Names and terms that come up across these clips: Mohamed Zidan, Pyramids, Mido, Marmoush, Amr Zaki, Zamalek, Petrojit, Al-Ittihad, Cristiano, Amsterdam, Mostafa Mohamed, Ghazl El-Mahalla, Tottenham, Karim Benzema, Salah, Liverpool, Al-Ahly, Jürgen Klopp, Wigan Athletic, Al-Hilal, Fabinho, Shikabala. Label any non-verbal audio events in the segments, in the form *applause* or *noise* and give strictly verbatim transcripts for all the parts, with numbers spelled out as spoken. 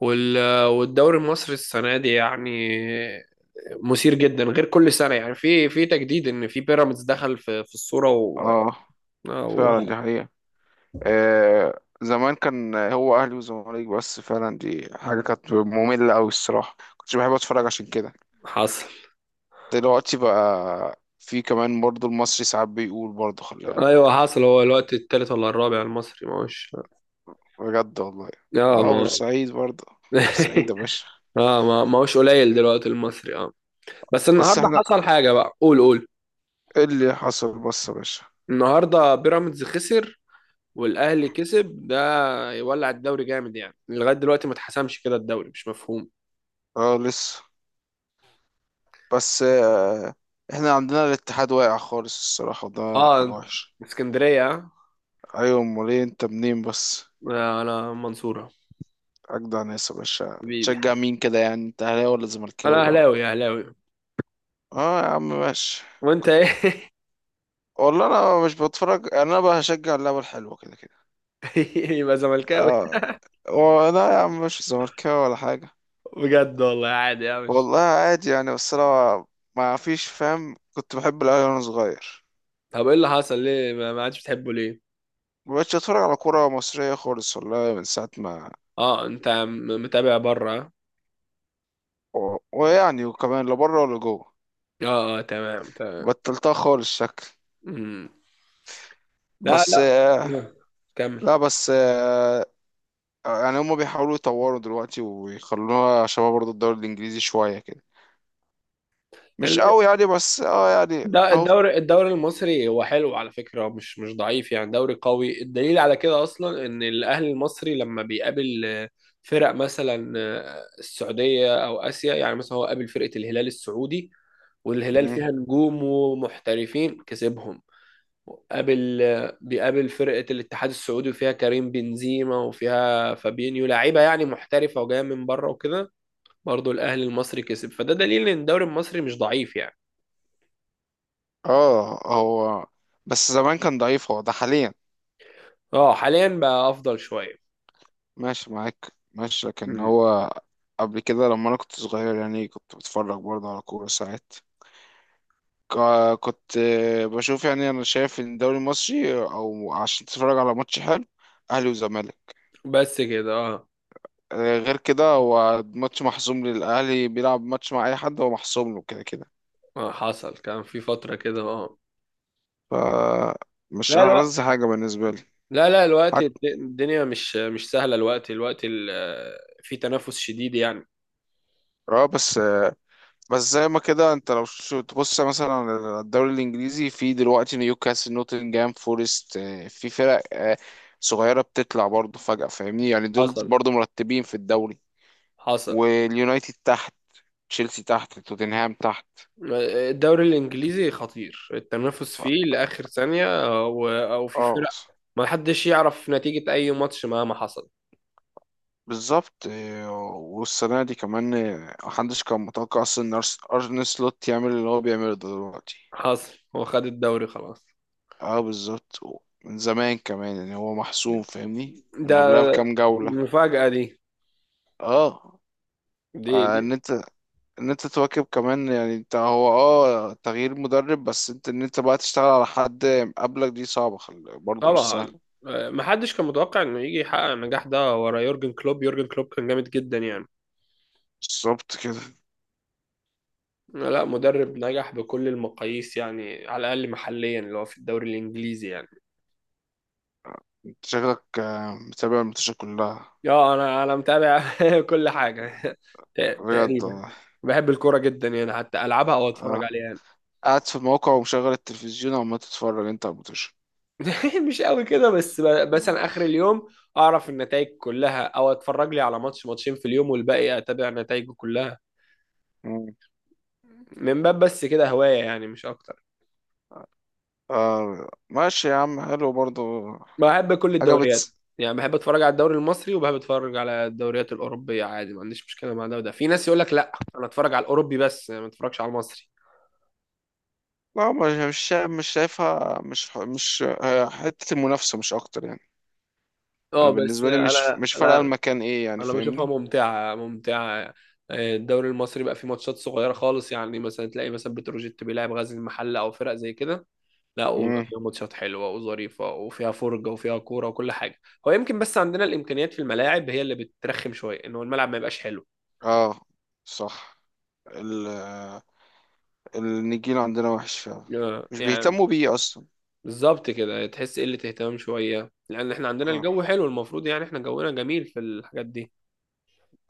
وال- والدوري المصري السنه دي يعني مثير جدا غير كل سنه يعني في في تجديد ان في بيراميدز دخل في في الصوره و... اه، و- فعلا دي حقيقة. آه، زمان كان هو أهلي وزمالك، بس فعلا دي حاجة كانت مملة أوي الصراحة، كنتش بحب أتفرج عشان كده. حصل. دلوقتي بقى في كمان برضو المصري ساعات بيقول برضو خلي بالك. ايوه حصل، هو الوقت التالت ولا الرابع المصري ما هوش؟ بجد والله. اه اه، ما. بورسعيد برضو. بورسعيد يا *laughs* باشا. اه ما ما هوش قليل دلوقتي المصري اه. بس بس النهارده احنا، حصل حاجه بقى، قول قول. ايه اللي حصل بس يا باشا؟ النهارده بيراميدز خسر والاهلي كسب، ده يولع الدوري جامد يعني، لغايه دلوقتي ما اتحسمش كده الدوري، مش مفهوم. اه لسه. بس آه. احنا عندنا الاتحاد واقع خالص الصراحة، وده حاجة اه وحشة. اسكندريه آه. أيوة، أمال إيه، أنت منين بس؟ لا انا منصورة. أجدع ناس يا باشا. حبيبي، تشجع مين كده يعني؟ أنت أهلاوي ولا زملكاوي انا بقى؟ اهلاوي اهلاوي. أه يا عم ماشي. وانت كنت، ايه؟ والله، أنا مش بتفرج يعني، أنا بقى هشجع اللعبة الحلوة كده كده. *laughs* يبقى زملكاوي. أه. هو لا يا عم، مش زملكاوي ولا حاجة. بجد والله، عادي، يا مش. والله عادي يعني، بس أنا ما فيش فاهم، كنت بحب الأهلي وأنا صغير. طب ايه اللي حصل؟ ليه ما ما عادش بتحبه ليه؟ مبقتش أتفرج على كورة مصرية خالص والله من ساعة ما اه انت م- متابع بره. و- ويعني وكمان لا بره ولا جوه. اه اه، تمام تمام. بطلتها خالص شكل. مم. لا بس لا آه، آه، كمل. لا بس آه، آه، يعني هما بيحاولوا يطوروا دلوقتي ويخلوها شبه برضه الدوري الانجليزي شويه كده. مش قوي يعني بس اه يعني ده اهو. الدوري، الدوري المصري هو حلو على فكرة، مش مش ضعيف يعني، دوري قوي. الدليل على كده أصلا إن الأهلي المصري لما بيقابل آه، فرق مثلا آه، السعودية أو آسيا، يعني مثلا هو قابل فرقة الهلال السعودي، والهلال مم. فيها نجوم ومحترفين، كسبهم. قابل آه، بيقابل فرقة الاتحاد السعودي وفيها كريم بنزيما وفيها فابينيو، لعيبة يعني محترفة وجاية من بره وكده، برضه الأهلي المصري كسب. فده دليل إن الدوري المصري مش ضعيف يعني. اه هو، بس زمان كان ضعيف، هو ده حاليا. اه حاليا بقى أفضل شوية. ماشي معاك ماشي، لكن مم. هو قبل كده لما انا كنت صغير يعني كنت بتفرج برضه على كورة ساعات. ك- كنت آه، بشوف يعني، انا شايف ان الدوري المصري او عشان تتفرج على ماتش حلو، اهلي وزمالك. بس كده اه. آه، غير كده هو ماتش محسوم للاهلي، بيلعب ماتش مع اي حد هو محسوم له كده كده. آه، حصل، كان في فترة كده اه. فمش لا الوقت، ألذ حاجة بالنسبة لي. لا لا الوقت حت... الد- الدنيا مش مش سهلة، الوقت الوقت ال- آه، في تنافس شديد يعني. اه بس، بس زي ما كده انت لو شو- تبص مثلا على الدوري الانجليزي، في دلوقتي نيوكاسل، نوتنجهام فورست، آه، في فرق آه، صغيرة بتطلع برضه فجأة، فاهمني؟ يعني دول حصل برضه مرتبين في الدوري. حصل. واليونايتد تحت، تشيلسي تحت، توتنهام تحت. الدوري الإنجليزي خطير، التنافس ف... فيه لآخر ثانية، أو أو في اه فرق ما حدش يعرف نتيجة أي ماتش مهما حصل. بالظبط. آه، والسنة دي كمان، آه، محدش كان متوقع أصلا إن أرس- أرن سلوت يعمل اللي هو بيعمله ده دلوقتي. حصل، هو خد الدوري خلاص. اه بالظبط. و- من زمان كمان يعني، هو محسوم فاهمني من ده قبلها بكام جولة. المفاجأة دي، اه. دي, آه، دي ان انت، ان انت تواكب كمان يعني، انت هو اه تغيير مدرب، بس انت ان انت بقى تشتغل على حد قبلك، دي صعبة. خل... برضه مش طبعا سهلة. آه، محدش كان متوقع انه يجي يحقق النجاح ده ورا يورجن كلوب. يورجن كلوب كان جامد جدا يعني، بالظبط كده. لا مدرب نجح بكل المقاييس يعني، على الاقل محليا اللي هو في الدوري الانجليزي يعني. انت شكلك آه، متابع الماتشات كلها. يا انا انا متابع *laughs* كل حاجه ت- بجد تقريبا. والله. بحب الكوره جدا يعني، حتى العبها او اتفرج اه، عليها يعني. قاعد في الموقع ومشغل التلفزيون عمال تتفرج انت على الماتش. *laughs* مش قوي كده، بس ب- مثلا اخر اليوم اعرف النتائج كلها، او اتفرج لي على ماتش ماتشين في اليوم والباقي اتابع نتائجه كلها. مم. من باب بس كده هوايه يعني مش اكتر. آه ماشي يا عم، حلو برضه. بحب كل حاجة الدوريات، بتس... يعني بحب اتفرج على الدوري المصري وبحب اتفرج على الدوريات الاوروبيه عادي، ما عنديش مشكله مع ده وده. في ناس يقول لك لا انا اتفرج على الاوروبي بس، ما اتفرجش على المصري. لا مش مش شا- مش شايفها مش ح- مش آه، حتة المنافسة مش أكتر يعني. أنا اه بس بالنسبة لي مش انا مش فارقة لا، المكان إيه يعني، انا بشوفها فاهمني؟ ممتعه ممتعه. آه، الدوري المصري بقى فيه ماتشات صغيره خالص، يعني مثلا تلاقي مثلا بتروجيت بيلعب غزل المحله او فرق زي كده، لا وبقى امم. فيها ماتشات حلوه وظريفه وفيها فرجه وفيها كوره وكل حاجه. هو يمكن بس عندنا الامكانيات في الملاعب هي اللي بترخم شويه، ان هو الملعب ما يبقاش حلو. اه صح. ال آه، النجيل عندنا وحش فعلا. آه، مش يعني بيهتموا بيه أصلا. بالظبط كده، تحس قلة اهتمام شوية، لأن احنا عندنا اه. الجو حلو المفروض يعني، احنا جونا جميل في الحاجات دي.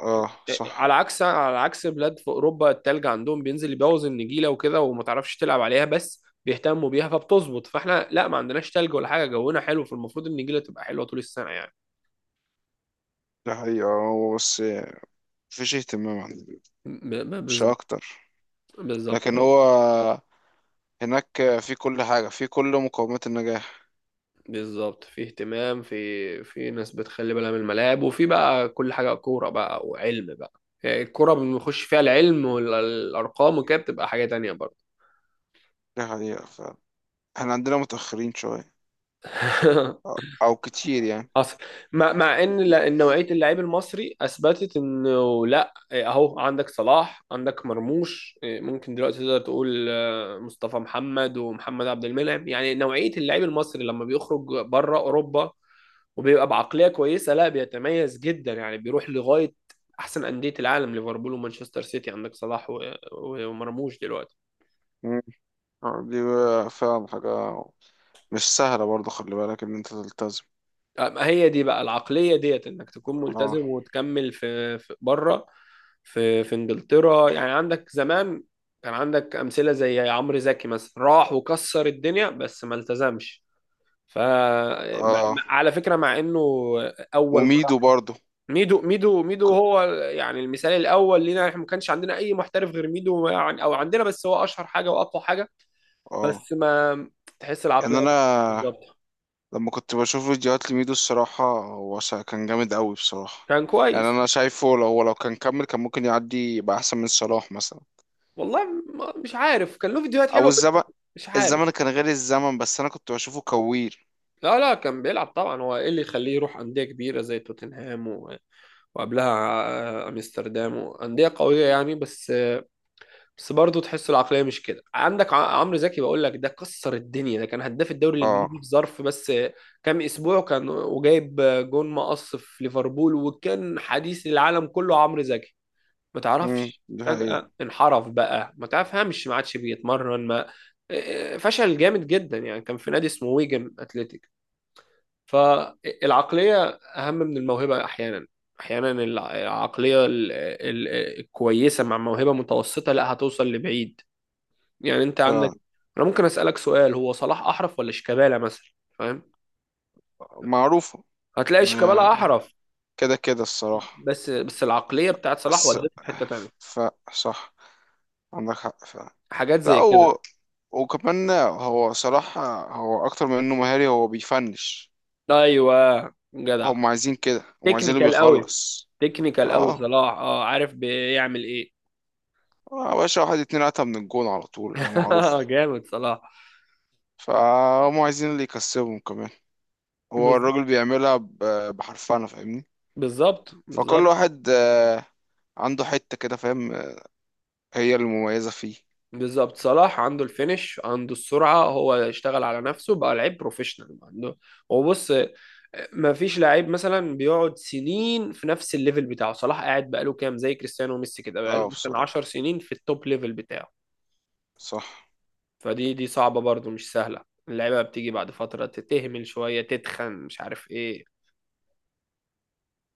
اه إيه، إيه، صح. على عكس، على عكس بلاد في أوروبا التلج عندهم بينزل يبوظ النجيلة وكده وما تعرفش تلعب عليها، بس بيهتموا بيها فبتظبط. فاحنا لا ما عندناش تلج ولا حاجة، جونا حلو، فالمفروض النجيلة تبقى حلوة طول السنة يعني. ده حقيقة، هو بس مفيش اهتمام عندنا، ب- ب- مش بالظبط أكتر. بالظبط. لكن هو هناك في كل حاجة، في كل مقومات النجاح. بالظبط، في اهتمام، في في ناس بتخلي بالها من الملاعب، وفي بقى كل حاجة كورة بقى وعلم بقى. يعني الكورة بنخش فيها العلم والأرقام وكده، بتبقى حاجة تانية برضه. ده حقيقة فعلا، احنا عندنا متأخرين شوية، *laughs* أو أو كتير يعني. حصل. مع مع ان لا- إن نوعيه اللعيب المصري اثبتت انه لا، إيه، اهو عندك صلاح، عندك مرموش، إيه، ممكن دلوقتي تقدر تقول آه، مصطفى محمد ومحمد عبد المنعم. يعني نوعيه اللعيب المصري لما بيخرج بره اوروبا وبيبقى بعقليه كويسه، لا بيتميز جدا يعني، بيروح لغايه احسن انديه العالم، ليفربول ومانشستر سيتي، عندك صلاح و- و- ومرموش دلوقتي. آه، دي بقى فعلا حاجة مش سهلة برضه، خلي بالك إن أنت تلتزم. ما هي دي بقى العقلية ديت، انك تكون اه. ملتزم وتكمل في, في بره، في في انجلترا يعني. عندك زمان كان عندك امثلة زي عمرو زكي مثلا، راح وكسر الدنيا بس ما التزمش. ف اه. على فكرة مع انه اول مرة. وميدو برضه. ميدو ميدو ميدو ك- هو يعني المثال الاول لينا احنا، ما كانش عندنا اي محترف غير ميدو يعني، او عندنا بس هو اشهر حاجة واقوى حاجة. اه بس ما تحس العقلية يعني، مش أنا بالظبط. لما كنت بشوف فيديوهات لميدو الصراحة هو شا- كان جامد أوي بصراحة. كان يعني كويس. أنا شايفه، لو هو لو كان كمل كان ممكن يعدي يبقى أحسن من صلاح مثلا. والله ما- مش عارف، كان له فيديوهات أو حلوه الزمن، بس، مش الزمن عارف. كان غير، الزمن بس أنا كنت بشوفه كوير. لا لا كان بيلعب طبعا، هو ايه اللي يخليه يروح انديه كبيره زي توتنهام و... وقبلها آه، امستردام وانديه قويه يعني، بس آه، بس برضه تحس العقليه مش كده. عندك ع- عمرو زكي، بقول لك ده كسر الدنيا، ده كان هداف الدوري الانجليزي اه. في ظرف بس آه، كام اسبوع، كان وجايب آه، جون مقص في ليفربول، وكان حديث العالم كله عمرو زكي. ما امم تعرفش دي حقيقة. فجأة انحرف بقى، ما تفهمش، ما عادش بيتمرن، ما إيه، فشل جامد جدا يعني، كان في نادي اسمه ويجن اتلتيك. فالعقلية أهم من الموهبة أحيانا. أحيانا الع- العقلية ال- ال- الكويسة مع موهبة متوسطة، لا هتوصل لبعيد. يعني أنت عندك، أنا ممكن أسألك سؤال، هو صلاح أحرف ولا شيكابالا مثلا؟ فاهم؟ فمعروفة. هتلاقي شيكابالا آه، أحرف. كده كده الصراحة. بس بس العقلية بتاعت صلاح بس ودته في حتة تانية. ف صح، عندك حق فعلا. حاجات لا زي كده. هو، وكمان هو صراحة هو أكتر من إنه مهاري، هو بيفنش. أيوه جدع. هم عايزين كده، هم عايزين اللي تكنيكال قوي، بيخلص. تكنيكال قوي اه. صلاح، اه عارف بيعمل ايه. آه يا باشا، واحد اتنين قتم من الجون على طول، هي معروفة. *laughs* جامد صلاح. فهم عايزين اللي يكسبهم كمان. هو بز- الراجل بيعملها ب- بحرفنة فاهمني. بالظبط فكل بالظبط. واحد آه، عنده حتة كده فاهم، آه، هي المميزة فيه. بالظبط صلاح عنده الفينش، عنده السرعه، هو اشتغل على نفسه، بقى لعيب بروفيشنال. عنده هو بص، ما فيش لعيب مثلا بيقعد سنين في نفس الليفل بتاعه. صلاح قاعد بقاله كام، زي كريستيانو وميسي كده، بقاله اه مثلا بصراحة، عشر سنين في التوب ليفل بتاعه. صح، فدي دي صعبه برضو مش سهله. اللعيبه بتيجي بعد فتره تتهمل شويه، تتخن، مش عارف ايه.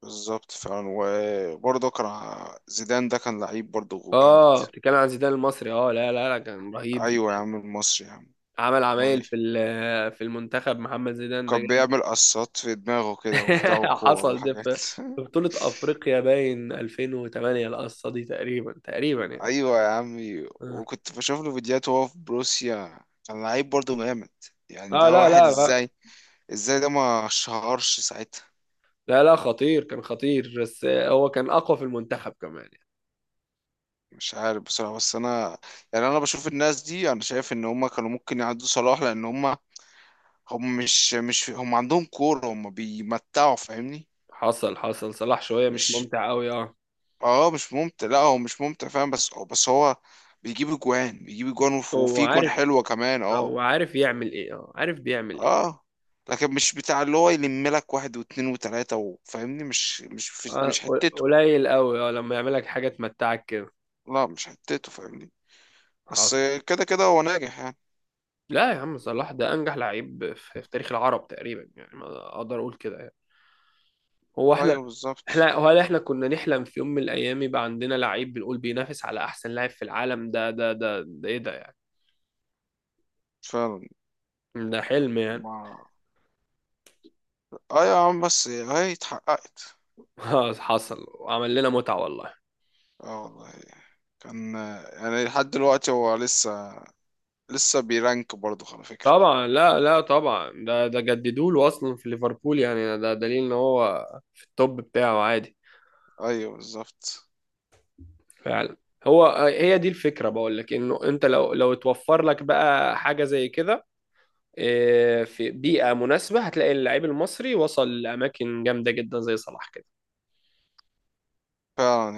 بالظبط فعلا. وبرضه كان ع- زيدان، ده كان لعيب برضه جامد. اه بتتكلم عن زيدان المصري؟ اه لا لا لا كان رهيب ايوه يا زيدان، عم، المصري يا عم. عمل امال ايه. عمايل في ال- في المنتخب. محمد زيدان ده كان جامد. بيعمل قصات في دماغه كده وبتاع *laughs* وكور حصل ده وحاجات. في في بطولة افريقيا باين ألفين وثمانية القصة دي، تقريبا تقريبا *laughs* يعني. ايوه يا عمي، اه وكنت بشوف له فيديوهات وهو في بروسيا كان لعيب برضه جامد. يعني آه، ده لا واحد، لا لا، ازاي، ازاي ده ما شهرش ساعتها؟ لا لا، خطير كان خطير، بس هو كان اقوى في المنتخب كمان يعني. مش عارف بصراحة، بس انا يعني انا بشوف الناس دي، انا شايف ان هم كانوا ممكن يعدوا صلاح، لان هم، هم مش مش هم عندهم كورة، هم بيمتعوا فاهمني. حصل حصل. صلاح شوية مش مش، ممتع قوي اه. اه مش ممتع. لا هو مش ممتع فاهم، بس هو بس هو بيجيب اجوان، بيجيب اجوان، وف- هو وفي اجوان عارف، حلوة كمان اه. هو عارف يعمل ايه، اه عارف بيعمل ايه. اه. لكن مش بتاع اللي هو يلم لك واحد واتنين وتلاتة، وفاهمني؟ مش مش مش آه، حتته. قليل قوي اه لما يعمل لك حاجة تمتعك كده. لا مش حتته فاهمني. بس كده كده هو ناجح يعني. لا يا عم صلاح ده انجح لعيب في في تاريخ العرب تقريبا يعني، ما اقدر اقول كده يعني. هو احنا، ايوه احنا بالظبط هل احنا كنا نحلم في يوم من الايام يبقى عندنا لعيب بنقول بينافس على احسن لاعب في العالم؟ ده ده ده ده ايه ده يعني؟ فعلا. ده حلم يعني. ما اه يا عم، بس هي اتحققت. *laughs* حصل وعمل لنا متعة والله. اه والله. كان يعني لحد دلوقتي هو لسه، لسه بيرانك برضه على فكرة. طبعا، لا لا طبعا، ده ده جددوا له اصلا في ليفربول، يعني ده دليل ان هو في التوب بتاعه عادي. ايوه بالظبط فعلا. هو هي دي الفكرة، بقول لك انه انت لو لو اتوفر لك بقى حاجة زي كده، آه، في بيئة مناسبة، هتلاقي اللعيب المصري وصل لأماكن جامدة جدا زي صلاح كده. فعلا.